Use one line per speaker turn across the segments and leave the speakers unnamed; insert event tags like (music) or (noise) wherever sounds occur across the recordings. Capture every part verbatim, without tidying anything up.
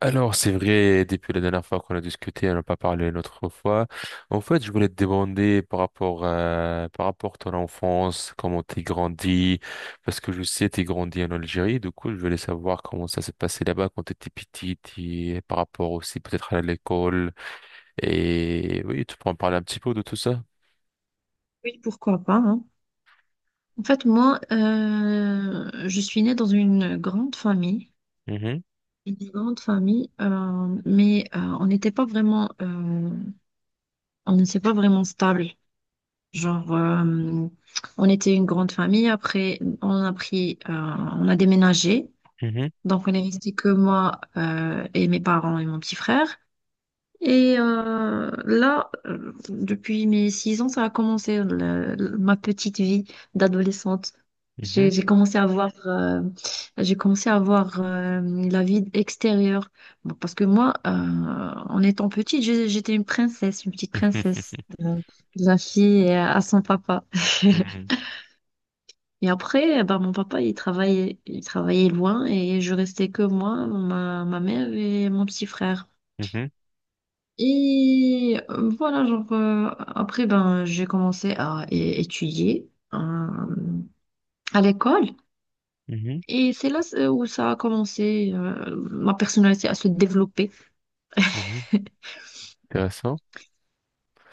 Alors, c'est vrai, depuis la dernière fois qu'on a discuté, on n'a pas parlé une autre fois. En fait, je voulais te demander par rapport, euh, par rapport à ton enfance, comment t'es grandi, parce que je sais t'es grandi en Algérie, du coup, je voulais savoir comment ça s'est passé là-bas quand t'étais petite, et par rapport aussi peut-être à l'école. Et oui, tu peux en parler un petit peu de tout ça?
Oui, pourquoi pas, hein. En fait, moi, euh, je suis née dans une grande famille,
Mhm,
une grande famille, euh, mais euh, on n'était pas vraiment, euh, on n'était pas vraiment stable. Genre, euh, on était une grande famille. Après, on a pris, euh, on a déménagé,
mhm,
donc on est resté que moi euh, et mes parents et mon petit frère. Et euh, là, euh, depuis mes six ans, ça a commencé le- le- ma petite vie d'adolescente.
mhm.
J'ai j'ai commencé à voir, euh, j'ai commencé à voir euh, la vie extérieure. Bon, parce que moi, euh, en étant petite, j'ai- j'étais une princesse, une petite princesse,
(laughs)
euh, la fille euh, à son papa.
Mhm,
(laughs) Et après, bah, mon papa, il travaillait, il travaillait loin et je restais que moi, ma, ma mère et mon petit frère.
mhm,
Et euh, voilà, genre, euh, après, ben, j'ai commencé à é- étudier euh, à l'école.
mhm,
Et c'est là euh, où ça a commencé, euh, ma personnalité à se développer.
mhm, mhm. Intéressant.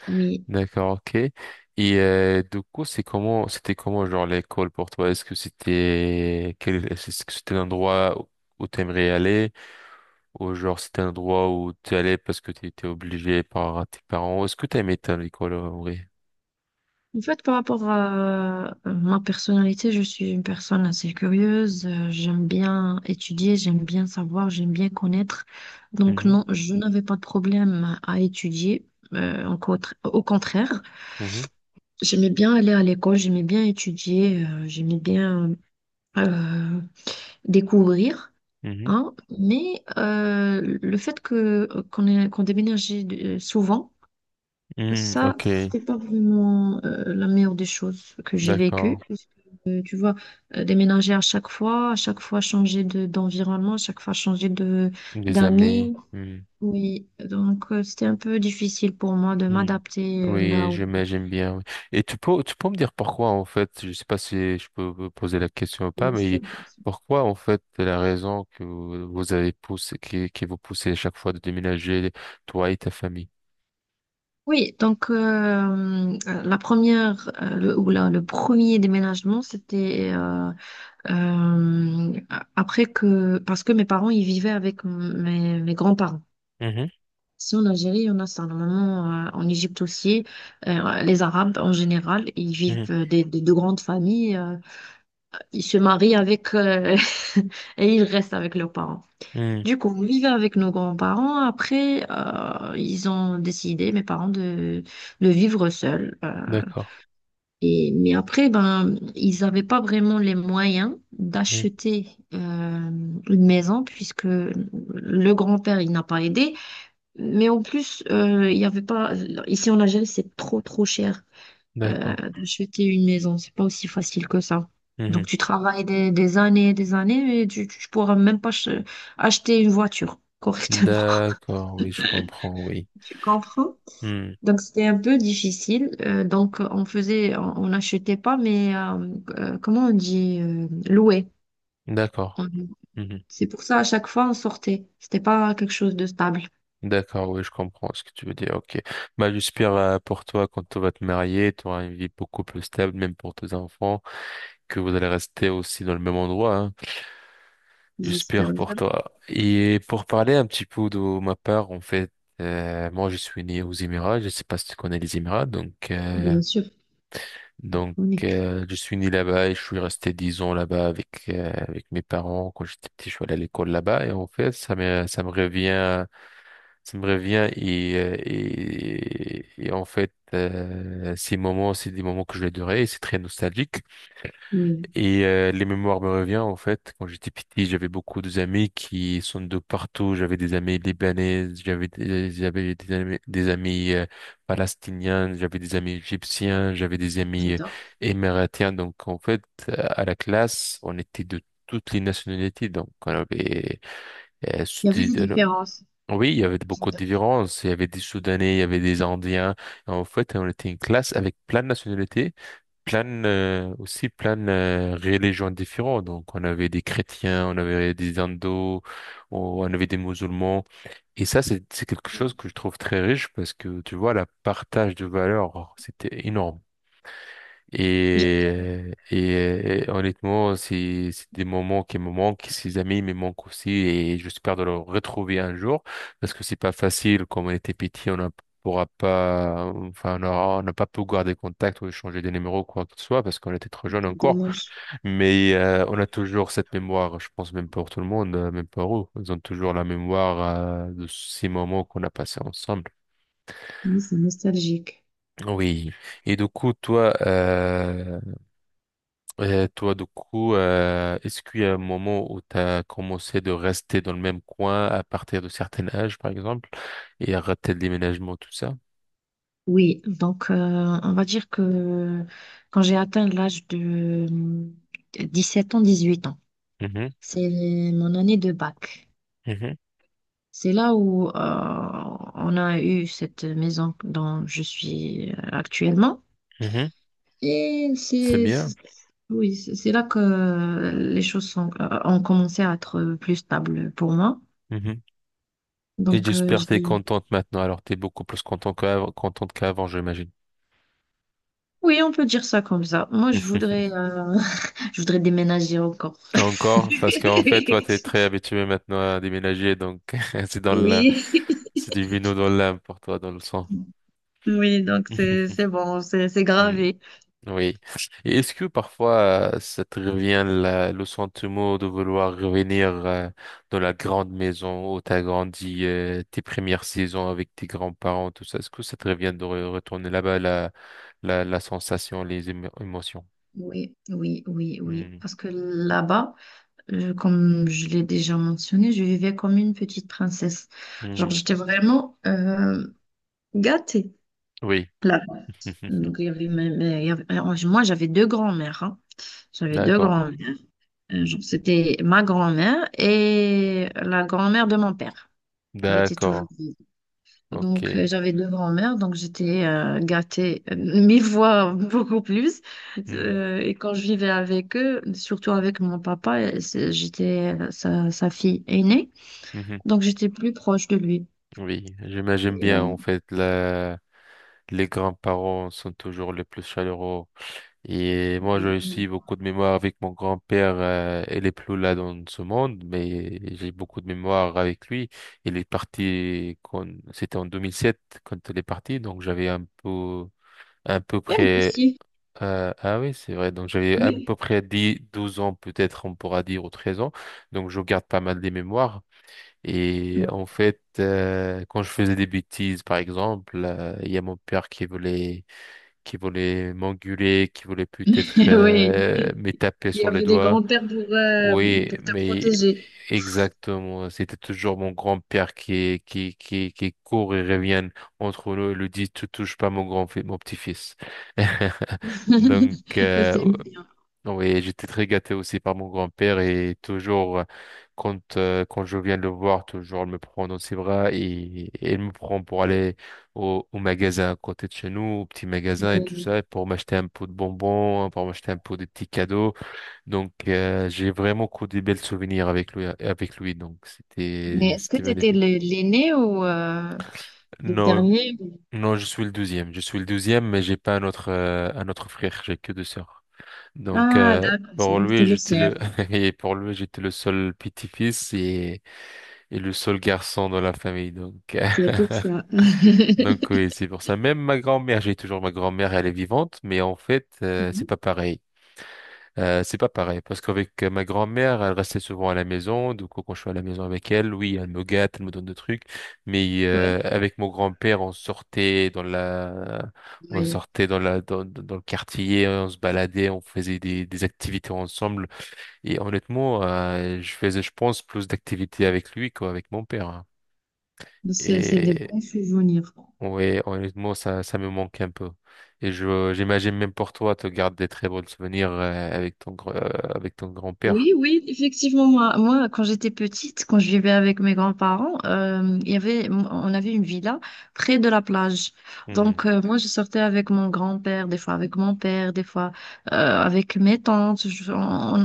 Oui.
D'accord, ok. Et euh, du coup, c'est comment, c'était comment genre l'école pour toi? Est-ce que c'était, quel, est-ce que c'était un endroit où où t'aimerais aller, ou genre c'était un endroit où tu allais parce que tu étais obligé par tes parents? Est-ce que t'aimais ton école en vrai?
En fait, par rapport à euh, ma personnalité, je suis une personne assez curieuse. Euh, J'aime bien étudier, j'aime bien savoir, j'aime bien connaître. Donc,
Mhm,
non, je n'avais pas de problème à étudier, euh, au contra- au contraire.
mhm,
J'aimais bien aller à l'école, j'aimais bien étudier, euh, j'aimais bien euh, découvrir,
mhm.
hein, mais euh, le fait que qu'on ait- qu'on déménageait euh, souvent,
Hmm,
ça,
ok,
c'était pas vraiment euh, la meilleure des choses que j'ai vécues,
d'accord.
parce que, euh, tu vois, euh, déménager à chaque fois, à chaque fois changer de d'environnement, à chaque fois changer de
Des amis.
d'amis.
Mmh.
Oui, donc euh, c'était un peu difficile pour moi de
Hmm.
m'adapter euh, là
Oui,
où.
j'aime, j'aime bien. Oui. Et tu peux, tu peux me dire pourquoi, en fait, je sais pas si je peux vous poser la question ou pas,
Bien
mais
sûr.
pourquoi, en fait, la raison que vous vous avez poussé, qui, qui vous poussez à chaque fois de déménager, toi et ta famille?
Oui, donc euh, euh, la première euh, le, ou la- le premier déménagement, c'était euh, euh, après que parce que mes parents ils vivaient avec m- mes, mes grands-parents.
Mhm,
Ici en Algérie, on a ça normalement, euh, en Égypte aussi. Euh, les Arabes en général, ils
mhm,
vivent euh, des, des- de grandes familles, euh, ils se marient avec euh, (laughs) et ils restent avec leurs parents.
mhm.
Du coup, on vivait avec nos grands-parents. Après, euh, ils ont décidé, mes parents, de, de vivre seuls. Euh,
D'accord,
et, mais après, ben, ils n'avaient pas vraiment les moyens
mhm,
d'acheter euh, une maison puisque le grand-père, il n'a pas aidé. Mais en plus, euh, il y avait pas... Ici en Algérie, c'est trop, trop cher euh,
d'accord,
d'acheter une maison. C'est pas aussi facile que ça. Donc,
mhm.
tu travailles des, des années et des années, mais tu, tu pourras même pas ch- acheter une voiture correctement. (laughs)
D'accord, oui, je comprends, oui.
Tu comprends?
Hmm,
Donc, c'était un peu difficile. Euh, donc, on faisait, on on n'achetait pas, mais euh, euh, comment on dit, euh, louer.
d'accord,
On-
mhm.
C'est pour ça, à chaque fois, on sortait. C'était pas quelque chose de stable.
D'accord, oui, je comprends ce que tu veux dire, ok. Bah, j'espère euh, pour toi, quand tu vas te marier, tu auras une vie beaucoup plus stable, même pour tes enfants, que vous allez rester aussi dans le même endroit, hein. J'espère
J'espère
pour
bien.
toi. Et pour parler un petit peu de ma part, en fait, euh, moi je suis né aux Émirats, je sais pas si tu connais les Émirats, donc euh,
Bien sûr,
donc
on est.
euh, je suis né là-bas et je suis resté dix ans là-bas avec euh, avec mes parents. Quand j'étais petit, je suis allé à l'école là-bas et en fait ça me ça me revient, ça me revient. Et euh, et, et en fait euh, ces moments c'est des moments que je vais adorer et c'est très nostalgique.
Oui,
Et euh, les mémoires me reviennent en fait. Quand j'étais petit, j'avais beaucoup d'amis qui sont de partout. J'avais des amis libanais, j'avais des, j'avais des amis, des amis euh, palestiniens, j'avais des amis égyptiens, j'avais des amis euh,
j'adore.
émiratiens. Donc en fait, euh, à la classe, on était de toutes les nationalités. Donc on avait euh,
Il y avait
Soudi-
des
euh,
différences.
oui, il y avait beaucoup de
J'adore.
différences. Il y avait des Soudanais, il y avait des Indiens. En fait, on était une classe avec plein de nationalités, plein euh, aussi plein euh, religions différentes. Donc on avait des chrétiens, on avait des hindous, on on avait des musulmans. Et ça c'est c'est quelque chose que je trouve très riche parce que tu vois le partage de valeurs c'était énorme.
J'adore.
Et, et, et honnêtement, c'est c'est des moments qui me manquent, ces amis me manquent aussi, et j'espère de les retrouver un jour, parce que c'est pas facile. Quand on était petit, on ne pourra pas, enfin, on aura- on n'a pas pu garder contact ou échanger des numéros, quoi que ce soit, parce qu'on était trop jeune
C'est
encore.
dommage.
Mais euh, on a toujours cette mémoire, je pense même pour tout le monde, euh, même pour eux, ils ont toujours la mémoire euh, de ces moments qu'on a passés ensemble.
Oui, c'est nostalgique.
Oui. Et du coup, toi, euh, Et toi, du coup, euh, est-ce qu'il y a un moment où tu as commencé de rester dans le même coin à partir de certains âges, par exemple, et arrêter le déménagement, tout ça?
Oui, donc euh, on va dire que quand j'ai atteint l'âge de hum, sept ans, dix-huit ans,
Mhm,
c'est mon année de bac.
mhm,
C'est là où euh, on a eu cette maison dont je suis euh, actuellement.
mhm.
Et
C'est
c'est,
bien.
c'est- oui, c'est c'est là que les choses sont, euh, ont commencé à être plus stables pour moi.
Mhm. Et
Donc euh,
j'espère que tu es
j'ai
contente maintenant. Alors, tu es beaucoup plus contente qu'avant, contente qu'avant, j'imagine.
oui, on peut dire ça comme ça. Moi, je voudrais,
(laughs)
euh, (laughs) je voudrais déménager encore. (laughs)
Encore, parce qu'en fait, toi, tu es très habitué maintenant à déménager, donc (laughs) c'est dans la...
Oui,
c'est du vino dans l'âme pour toi, dans le sang.
oui, donc c'est c'est
(laughs)
bon, c'est c'est gravé.
Oui. Et est-ce que parfois euh, ça te revient la- le sentiment de vouloir revenir euh, dans la grande maison où t'as grandi, euh, tes premières saisons avec tes grands-parents, tout ça? Est-ce que ça te revient de re- retourner là-bas, la, la, la sensation, les émo- émotions?
Oui, oui, oui, oui.
Hmm.
Parce que là-bas, euh, comme je l'ai déjà mentionné, je vivais comme une petite princesse. Genre,
Hmm.
j'étais vraiment euh, gâtée
Oui.
là-bas. Donc, il y
(laughs)
avait mes- mes- il y avait- alors, moi, j'avais deux grands-mères, hein. J'avais deux
D'accord.
grands-mères. Euh, genre, C'était ma grand-mère et la grand-mère de mon père. Il était toujours
D'accord.
vide. Donc,
OK.
euh, j'avais deux grands-mères, donc j'étais euh, gâtée euh, mille fois (laughs) beaucoup plus.
Hmm.
Euh, et quand je vivais avec eux, surtout avec mon papa, euh, c'est- j'étais euh, sa, sa fille aînée,
Mhm.
donc j'étais plus proche de lui.
Oui, j'imagine
Et,
bien
euh,
en fait la... les grands-parents sont toujours les plus chaleureux. Et moi, j'ai
oui.
aussi beaucoup de mémoire avec mon grand-père. Euh, il est plus là dans ce monde, mais j'ai beaucoup de mémoire avec lui. Il est parti quand, c'était en deux mille sept quand il est parti, donc j'avais un peu, un peu
Et moi
près.
aussi,
Euh, ah oui, c'est vrai. Donc j'avais à
oui.
peu près dix douze ans peut-être, on pourra dire, ou treize ans. Donc je garde pas mal des mémoires. Et
Oui.
en fait, euh, quand je faisais des bêtises, par exemple, euh, il y a mon père qui voulait, qui voulait m'engueuler, qui voulait peut-être
(laughs) Oui.
euh, me taper
Il y
sur les
avait des
doigts.
grands-pères pour, euh,
Oui,
pour te
mais
protéger.
exactement. C'était toujours mon grand-père qui, qui, qui, qui court et revient entre nous et lui dit, tu touches pas mon grand, mon petit-fils. (laughs) Donc,
(laughs) Ça,
euh,
c'est bien.
oui, j'étais très gâté aussi par mon grand-père et toujours, euh, quand, euh, quand je viens le voir, toujours il me prend dans ses bras et, et il me prend pour aller au, au magasin à côté de chez nous, au petit magasin et tout
Oui.
ça, pour m'acheter un pot de bonbons, hein, pour m'acheter un pot de petits cadeaux. Donc, euh, j'ai vraiment que des belles souvenirs avec lui, avec lui. Donc,
Mais
c'était,
est-ce que
c'était
tu étais
magnifique.
l'aîné ou euh, le
Non,
dernier?
non, je suis le deuxième. Je suis le deuxième, mais j'ai pas un autre, euh, un autre frère. J'ai que deux sœurs. Donc
Ah,
euh,
d'accord. c'est-
pour
Donc, t'es
lui, j'étais
l'océan.
le (laughs) et pour lui, j'étais le seul petit-fils et... et le seul garçon dans la famille. Donc euh,
C'est pour ça. (laughs)
(laughs) donc oui, c'est pour ça. Même ma grand-mère, j'ai toujours ma grand-mère, elle est vivante, mais en fait, euh, c'est pas pareil. Euh, c'est pas pareil parce qu'avec euh, ma grand-mère, elle restait souvent à la maison. Du coup, quand je suis à la maison avec elle, oui, elle me gâte, elle me donne des trucs. Mais euh,
Oui,
avec mon grand-père, on sortait dans la on
oui.
sortait dans la, dans, dans le quartier, on se baladait, on faisait des, des activités ensemble. Et honnêtement, euh, je faisais, je pense, plus d'activités avec lui qu'avec mon père, hein.
Donc, C'est c'est des
Et
bons souvenirs.
ouais, honnêtement, ça, ça me manque un peu. Et je, j'imagine même pour toi, tu gardes des très bons souvenirs euh, avec ton, gr- euh, avec ton grand-père.
Oui, oui, effectivement, moi, moi, quand j'étais petite, quand je vivais avec mes grands-parents, euh, il y avait, on avait une villa près de la plage.
Mhm,
Donc, euh, moi, je sortais avec mon grand-père, des fois avec mon père, des fois euh, avec mes tantes. Je- on,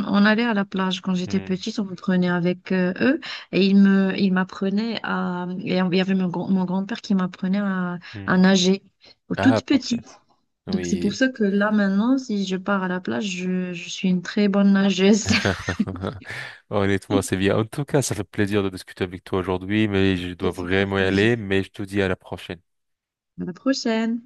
On allait à la plage quand j'étais
mhm,
petite, on me prenait avec euh, eux et ils me, ils m'apprenaient à, et il y avait mon, grand- mon grand-père qui m'apprenait à, à
mhm.
nager.
Ah,
Toute
parfait.
petite. Donc c'est pour
Oui.
ça que là maintenant, si je pars à la plage, je, je suis une très bonne nageuse. (laughs)
(laughs) Honnêtement, c'est bien. En tout cas, ça fait plaisir de discuter avec toi aujourd'hui, mais je dois
Plaisir
vraiment y
partagé.
aller, mais je te dis à la prochaine.
À la prochaine.